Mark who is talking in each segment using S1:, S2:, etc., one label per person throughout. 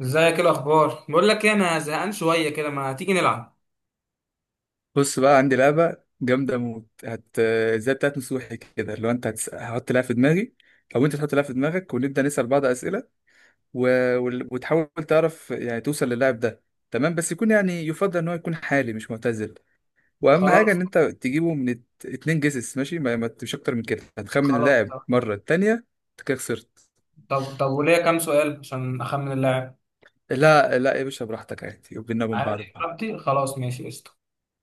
S1: ازيك، ايه الاخبار؟ بقول لك ايه، انا زهقان شويه كده، ما تيجي نلعب.
S2: بص بقى عندي لعبة جامدة موت هت زي بتاعت مسوحي كده. لو انت هحط لها في دماغي او انت تحط لها في دماغك ونبدأ نسأل بعض أسئلة و... وتحاول تعرف يعني توصل للاعب ده. تمام، بس يكون يعني يفضل ان هو يكون حالي مش معتزل. واهم حاجة
S1: خلاص.
S2: ان انت تجيبه من اتنين جيسس ماشي، ما... ما مش اكتر من كده هتخمن
S1: خلاص
S2: اللاعب
S1: طب.
S2: مرة التانية انت كده خسرت.
S1: طب وليا كام سؤال عشان اخمن اللاعب؟
S2: لا لا يا باشا براحتك عادي، وبيننا وبين
S1: عارف
S2: بعض بقى.
S1: اجابتي، خلاص ماشي قشطه.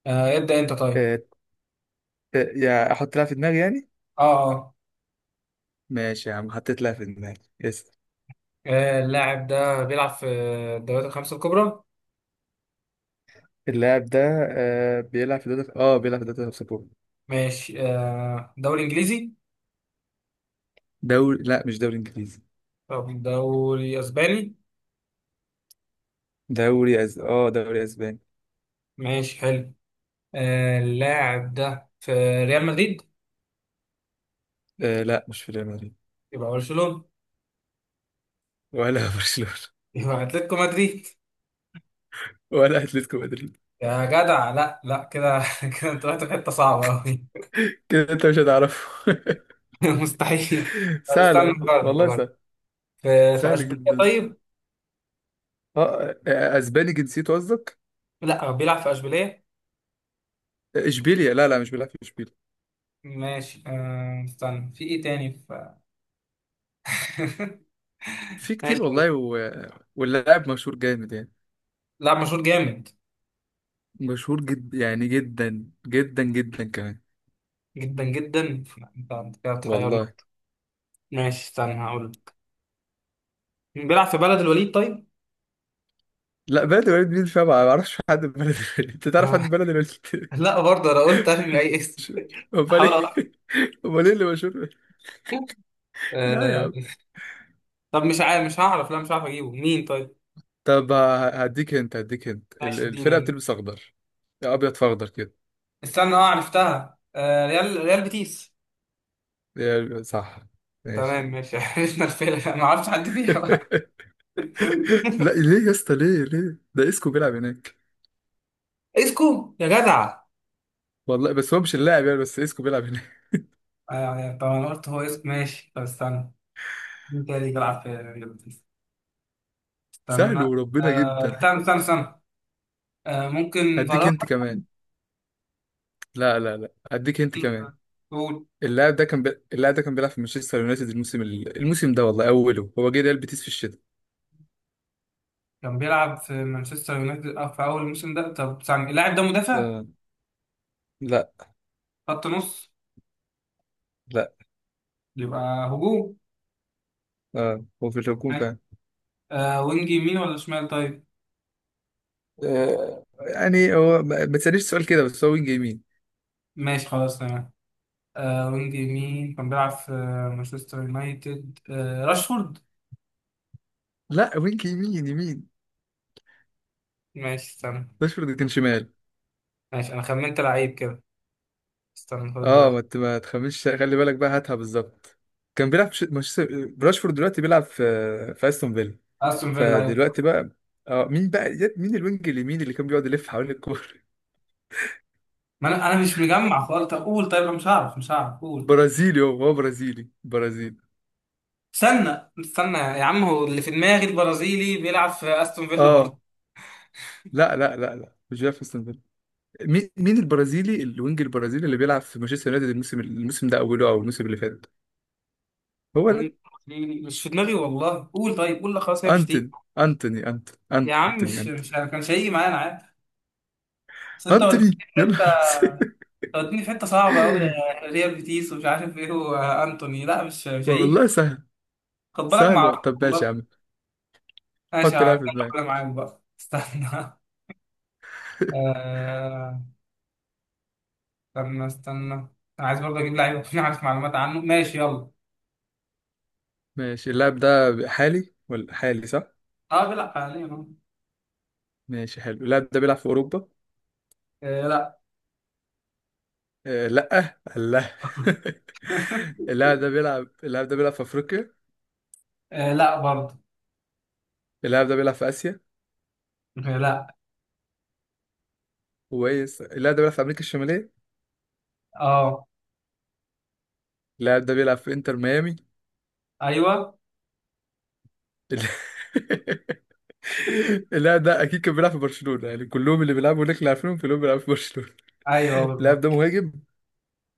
S1: آه ابدا، انت طيب.
S2: اه... يا احط لها في دماغي يعني.
S1: اه. اه.
S2: ماشي يا عم، حطيت لها في دماغي، اسأل.
S1: اللاعب ده بيلعب في الدوريات الخمسه الكبرى.
S2: اللاعب ده آه بيلعب في دوري، اه بيلعب في دوري سبورت.
S1: ماشي. آه دوري انجليزي.
S2: دوري، لا مش دوري انجليزي.
S1: طب دوري اسباني.
S2: دوري اه دوري اسباني.
S1: ماشي حلو. آه اللاعب ده في ريال مدريد.
S2: آه لا مش في ريال مدريد.
S1: يبقى برشلونه.
S2: ولا برشلونة.
S1: يبقى اتلتيكو مدريد.
S2: ولا اتلتيكو مدريد.
S1: يا جدع لا لا كده، كده انت رحت في حته صعبه قوي.
S2: كده انت مش هتعرفه.
S1: مستحيل. طب
S2: سهل
S1: استنى،
S2: والله،
S1: بجرب
S2: والله
S1: بجرب.
S2: سهل.
S1: في
S2: سهل
S1: اشبيليه
S2: جدا.
S1: طيب.
S2: اه آه، آه، اسباني جنسيته قصدك.
S1: لا بيلعب في اشبيليه.
S2: آه، اشبيليا، لا لا مش بيلعب في اشبيليا.
S1: ماشي أه استنى، في ايه تاني، في
S2: في كتير
S1: ماشي.
S2: والله واللاعب مشهور جامد يعني.
S1: لا مشهور جامد
S2: مشهور جد يعني جدا جدا جدا كمان.
S1: جدا جدا. انت كده بتحيرنا.
S2: والله.
S1: ماشي استنى هقول لك. بيلعب في بلد الوليد طيب.
S2: لا بلد الوليد مين فيها؟ ما اعرفش حد من بلد الوليد، انت تعرف حد من بلد الوليد؟
S1: لا برضه انا قلت ارمي اي اسم،
S2: امال ايه،
S1: احاول
S2: امال ايه اللي مشهور؟ لا يا
S1: أه...
S2: عم.
S1: طب مش عارف، مش هعرف، لا مش هعرف اجيبه مين طيب.
S2: طب هديك انت، هديك انت
S1: ماشي
S2: الفرقه
S1: اديني.
S2: بتلبس اخضر يا ابيض في اخضر كده.
S1: استنى، اه عرفتها، أه ريال بيتيس.
S2: يا- صح.
S1: تمام
S2: ماشي.
S1: ماشي. عرفنا الفيلة، ما اعرفش حد فيها بقى.
S2: لا ليه يا اسطى؟ ليه ليه؟ ده اسكو بيلعب هناك.
S1: اسكو يا جدع.
S2: والله بس هو مش اللاعب يعني، بس اسكو بيلعب هناك.
S1: ايوه ايوه، طب انا قلت هو اسكو، ماشي طب استنى، مين تاني بيلعب في ريال بيتيس؟ استنى.
S2: سهل وربنا، جدا.
S1: استنى. ممكن
S2: هديك
S1: فاران
S2: انت كمان.
S1: مثلا.
S2: لا هديك انت كمان.
S1: قول.
S2: اللاعب ده كان اللاعب ده كان بيلعب في مانشستر يونايتد الموسم الموسم ده، والله اوله هو جه ريال بيتيس في الشتاء.
S1: كان بيلعب في مانشستر يونايتد في اول الموسم ده، طب استنى اللاعب ده مدافع؟
S2: آه. لا.
S1: خط نص؟
S2: لا.
S1: يبقى هجوم.
S2: آه هو في الهجوم
S1: ماشي،
S2: فعلا.
S1: آه وينج يمين ولا شمال طيب؟
S2: آه يعني هو ما تسألنيش سؤال كده، بس هو وينج يمين.
S1: ماشي خلاص تمام. آه وينج يمين، كان بيلعب في مانشستر يونايتد، آه راشفورد.
S2: لا وينج يمين يمين.
S1: ماشي استنى.
S2: راشفورد كان شمال.
S1: ماشي، انا خمنت لعيب كده، استنى فاضل لي
S2: اه ما
S1: واحد.
S2: ت- ما تخمنش، خلي بالك بقى هاتها بالظبط. كان بيلعب في مانشستر راشفورد دلوقتي بيلعب في في استون فيلا.
S1: استون فيلا، ايوه.
S2: فدلوقتي بقى اه مين بقى؟ مين الوينج اليمين اللي كان بيقعد يلف حوالين الكورة؟
S1: ما انا مش مجمع خالص، طب قول، طيب انا مش هعرف، مش هعرف، قول.
S2: برازيلي، هو برازيلي برازيلي.
S1: استنى يا عم، هو اللي في دماغي البرازيلي بيلعب في استون فيلا برضه.
S2: اه لا مش جيفرسون بيل. مين مين البرازيلي الوينج البرازيلي اللي بيلعب في مانشستر يونايتد الموسم ده اوله او الموسم اللي فات؟ هو ده.
S1: برازيلي. مش في دماغي والله، قول، طيب قول، لا خلاص هي مش دي.
S2: انتوني انتوني انتوني
S1: يا
S2: انتوني
S1: عم مش
S2: انتوني
S1: مش انا كانش هيجي معايا، انا عارف، بس انت وديتني
S2: انتوني
S1: في
S2: يا نهار
S1: حته.
S2: أسود.
S1: أنت وديتني في حته صعبه قوي يا ريال بيتيس ومش عارف ايه، وانتوني لا مش هيجي.
S2: والله سهل.
S1: خد بالك، ما
S2: سهل
S1: اعرفش
S2: طب ماشي يا
S1: والله.
S2: عم.
S1: ماشي
S2: حط لاعب في دماغك.
S1: هكمل معاك بقى، استنى. آه، استنى انا عايز برضه اجيب لعيب اكون عارف معلومات عنه، ماشي يلا.
S2: ماشي. اللاعب ده حالي ولا حالي؟ صح.
S1: اه بيلعب حاليا أهو.
S2: ماشي حلو. اللاعب ده بيلعب في اوروبا؟
S1: آه لا.
S2: آه لا. الله. اللاعب ده بيلعب، اللاعب ده بيلعب في افريقيا؟
S1: آه لا برضه.
S2: اللاعب ده بيلعب في اسيا؟
S1: آه لا.
S2: كويس. اللاعب ده بيلعب في امريكا الشماليه؟
S1: اه.
S2: اللاعب ده بيلعب في انتر ميامي.
S1: ايوه.
S2: ال- اللاعب ده اكيد كان بيلعب في برشلونة، يعني كلهم اللي بيلعبوا هناك اللي عارفينهم كلهم بيلعبوا في برشلونة.
S1: ايوه
S2: اللاعب ده
S1: بالظبط.
S2: مهاجم.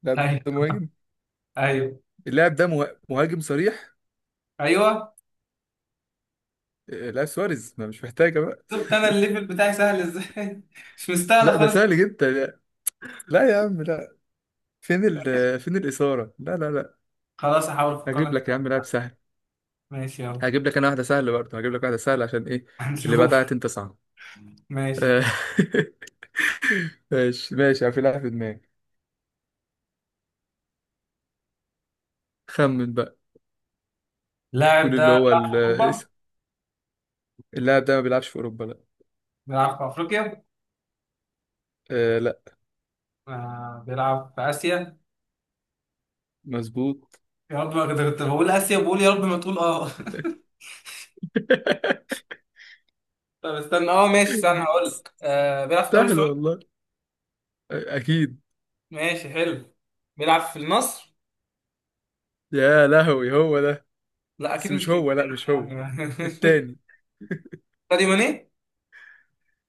S2: اللاعب ده
S1: ايوه.
S2: مهاجم.
S1: ايوه.
S2: اللاعب ده مهاجم صريح.
S1: ايوه.
S2: آه، لاعب سواريز، ما مش محتاجة بقى.
S1: شفت انا الليفل بتاعي سهل ازاي؟ مش مستاهله
S2: لا ده
S1: خالص.
S2: سهل جدا. لا يا عم لا. فين ال، فين الإثارة؟ لا.
S1: خلاص هحاول افكر
S2: هجيب لك يا
S1: لك.
S2: عم لاعب سهل.
S1: ماشي يلا.
S2: هجيب لك انا واحدة سهلة برضه، هجيب لك واحدة سهلة عشان ايه؟ اللي بعدها
S1: هنشوف.
S2: انت صعب.
S1: ماشي،
S2: آه، ماشي ماشي يعني. في لاعب في دماغي، خمن بقى.
S1: اللاعب
S2: قول اللي
S1: ده
S2: هو
S1: بيلعب في اوروبا.
S2: الاسم. اللاعب ده ما بيلعبش في اوروبا، لا.
S1: بيلعب في افريقيا.
S2: آه لا.
S1: آه بيلعب في اسيا.
S2: مظبوط.
S1: يا رب، ما كنت بقول اسيا، بقول يا رب ما تقول اه. طب استنى، اه ماشي استنى هقول لك، آه بيلعب في الدوري
S2: سهل
S1: السعودي.
S2: والله. آه، اكيد.
S1: ماشي حلو. بيلعب في النصر.
S2: يا لهوي هو ده.
S1: لا
S2: بس
S1: اكيد مش
S2: مش هو، لا مش هو.
S1: كريستيانو يعني.
S2: التاني.
S1: ساديو ماني.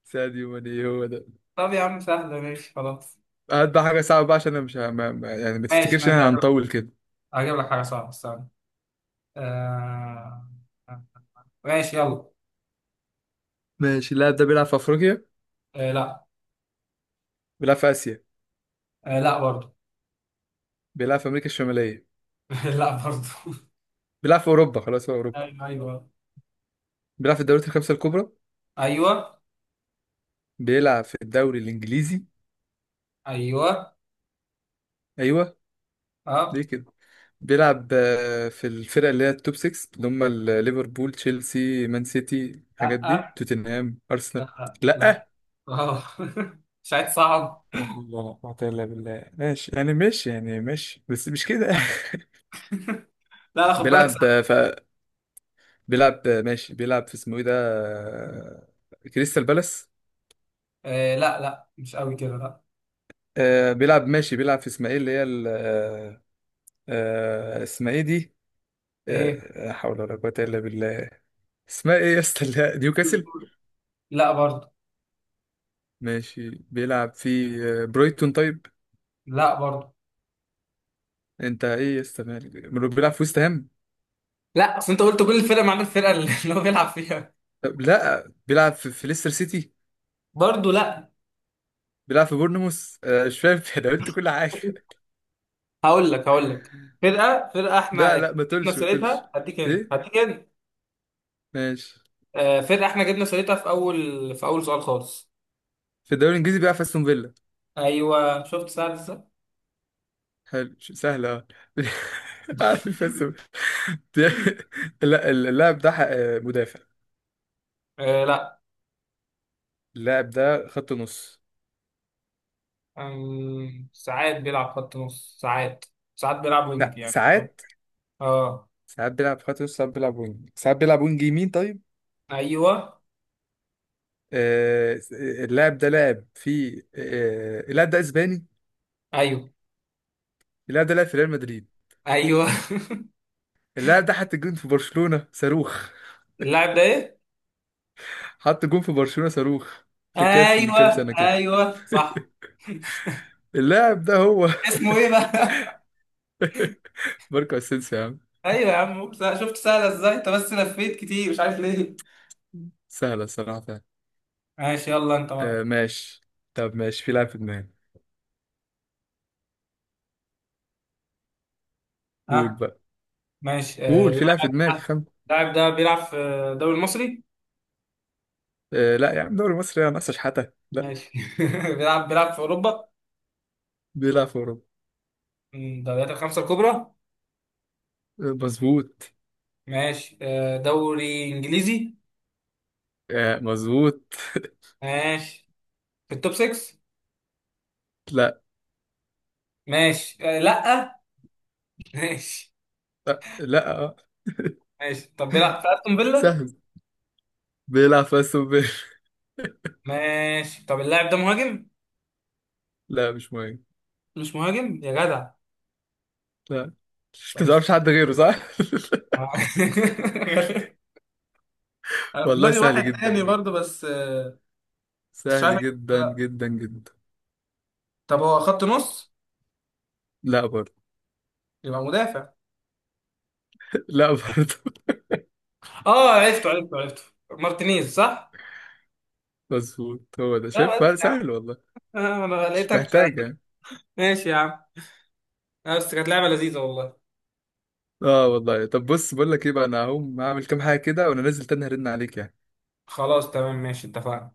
S2: ساديو ماني، هو ده.
S1: طب يا عم سهله، ماشي خلاص.
S2: هات بقى حاجه صعبه بقى عشان انا مش يعني ما
S1: ماشي
S2: تفتكرش ان
S1: ماشي،
S2: احنا
S1: هجيب لك،
S2: هنطول كده.
S1: هجيب لك حاجه صعبه، استنى. آه ماشي يلا.
S2: ماشي. اللاعب ده بيلعب في افريقيا؟
S1: آه لا.
S2: بيلعب في اسيا؟
S1: آه لا برضه.
S2: بيلعب في امريكا الشماليه؟
S1: لا برضه.
S2: بيلعب في اوروبا؟ خلاص هو اوروبا.
S1: ايوه ايوه.
S2: بيلعب في الدوريات الخمسه الكبرى.
S1: ايوه
S2: بيلعب في الدوري الانجليزي.
S1: ايوه.
S2: ايوه ليه
S1: اه.
S2: كده؟ بيلعب آه، في الفرق اللي هي التوب 6 اللي هم ليفربول تشيلسي مان سيتي
S1: لا.
S2: الحاجات دي
S1: آه،
S2: توتنهام
S1: لا.
S2: ارسنال.
S1: لا.
S2: لا.
S1: اه مش عايز صعب.
S2: لا حول ولا قوة إلا بالله. ماشي يعني، ماشي يعني، ماشي بس مش كده.
S1: لا لا، خد بالك
S2: بيلعب
S1: صعب.
S2: آه، ف بيلعب آه، ماشي بيلعب في اسمه ايه ده؟ آه، كريستال بالاس.
S1: آه لا لا، مش قوي كده، لا.
S2: آه، بيلعب ماشي بيلعب في اسمها ايه اللي هي آه، آه، اسمها ايه دي؟
S1: ايه.
S2: آه، لا حول ولا قوة الا بالله. اسمها ايه يا اسطى اللي نيوكاسل؟
S1: لا برضه.
S2: ماشي بيلعب في آه، برايتون طيب؟
S1: لا برضه.
S2: انت ايه يا اسطى مالك؟ بيلعب في ويست هام؟
S1: لا اصل انت قلت كل الفرق ما عدا الفرقه اللي اللي هو بيلعب فيها.
S2: طب لا بيلعب في, في ليستر سيتي؟
S1: برضه لا.
S2: بيلعب في بورنموث؟ آه، مش فاهم. انا قلت كل حاجه.
S1: هقول لك، هقول لك، فرقه احنا
S2: لا لا ما
S1: جبنا
S2: تقولش ما تقولش.
S1: سيرتها، هديك هنا،
S2: ايه.
S1: هديك هنا.
S2: ماشي.
S1: آه فرقه احنا جبنا سيرتها في اول في اول سؤال خالص.
S2: في الدوري الانجليزي بيلعب في استون فيلا.
S1: ايوه، شفت سعد ازاي؟
S2: حلو سهله اه. عارف في استون. لا اللاعب ده آه، مدافع.
S1: آه لا.
S2: اللاعب ده خط نص.
S1: ساعات بيلعب خط نص، ساعات بيلعب وينج
S2: لا
S1: يعني.
S2: ساعات،
S1: اه.
S2: ساعات بيلعب خط نص، ساعات بيلعب وينج، ساعات بيلعب وينج يمين طيب.
S1: ايوه.
S2: آه، اللاعب ده لعب في آه، اللاعب ده اسباني.
S1: ايوه.
S2: اللاعب ده لعب في ريال مدريد.
S1: ايوه.
S2: اللاعب ده حط جون في برشلونة صاروخ.
S1: اللاعب ده ايه؟
S2: حط جون في برشلونة صاروخ في كاس من
S1: ايوه.
S2: كام سنة كده.
S1: ايوه صح.
S2: اللاعب ده هو.
S1: اسمه ايه بقى؟
S2: ماركو اسينسيو يا عم.
S1: ايوه يا عم، شفت سهله ازاي؟ انت بس لفيت كتير مش عارف ليه.
S2: سهلة الصراحة فعلا.
S1: ماشي يلا انت
S2: آه
S1: بقى.
S2: ماشي. طب ماشي، في لاعب في دماغي، قول
S1: ها.
S2: بقى.
S1: ماشي،
S2: قول في لاعب في
S1: اللاعب
S2: دماغك،
S1: ده،
S2: خم.
S1: اللاعب ده بيلعب في الدوري المصري.
S2: آه لا يا عم دوري مصر يا ناقصة شحاتة، لا.
S1: ماشي. بيلعب في اوروبا،
S2: بيلعب في أوروبا.
S1: من الدوريات الخمسه الكبرى.
S2: آه، مظبوط.
S1: ماشي. دوري انجليزي.
S2: آه مظبوط.
S1: ماشي، في التوب 6.
S2: لا.
S1: ماشي، لا. ماشي
S2: لا, لا. آه.
S1: ماشي. طب بيلعب في استون فيلا.
S2: سهل. بيلعب في أستون فيلا.
S1: ماشي، طب اللاعب ده مهاجم؟
S2: لا مش مهم.
S1: مش مهاجم يا جدع.
S2: لا.
S1: طب
S2: انت ما تعرفش
S1: استنى.
S2: حد غيره صح؟
S1: أنا في
S2: والله
S1: دماغي
S2: سهل
S1: واحد
S2: جدا
S1: تاني
S2: بجد.
S1: برضه، بس بس مش
S2: سهل
S1: عارف.
S2: جدا
S1: لا.
S2: جدا جدا.
S1: طب هو خط نص؟
S2: لا برضه.
S1: يبقى مدافع.
S2: لا برضه.
S1: اه عرفته عرفته، مارتينيز صح؟
S2: مظبوط هو ده،
S1: لا
S2: شايف؟
S1: بس
S2: لا،
S1: يا عم،
S2: سهل والله.
S1: انا
S2: مش
S1: لقيتك،
S2: محتاج يعني.
S1: ماشي يا عم، بس كانت لعبة لذيذة والله.
S2: اه والله. طب بص بقول لك ايه بقى، انا هقوم هعمل كام حاجه كده وانا نازل تاني هرن عليك يعني.
S1: خلاص تمام ماشي، اتفقنا.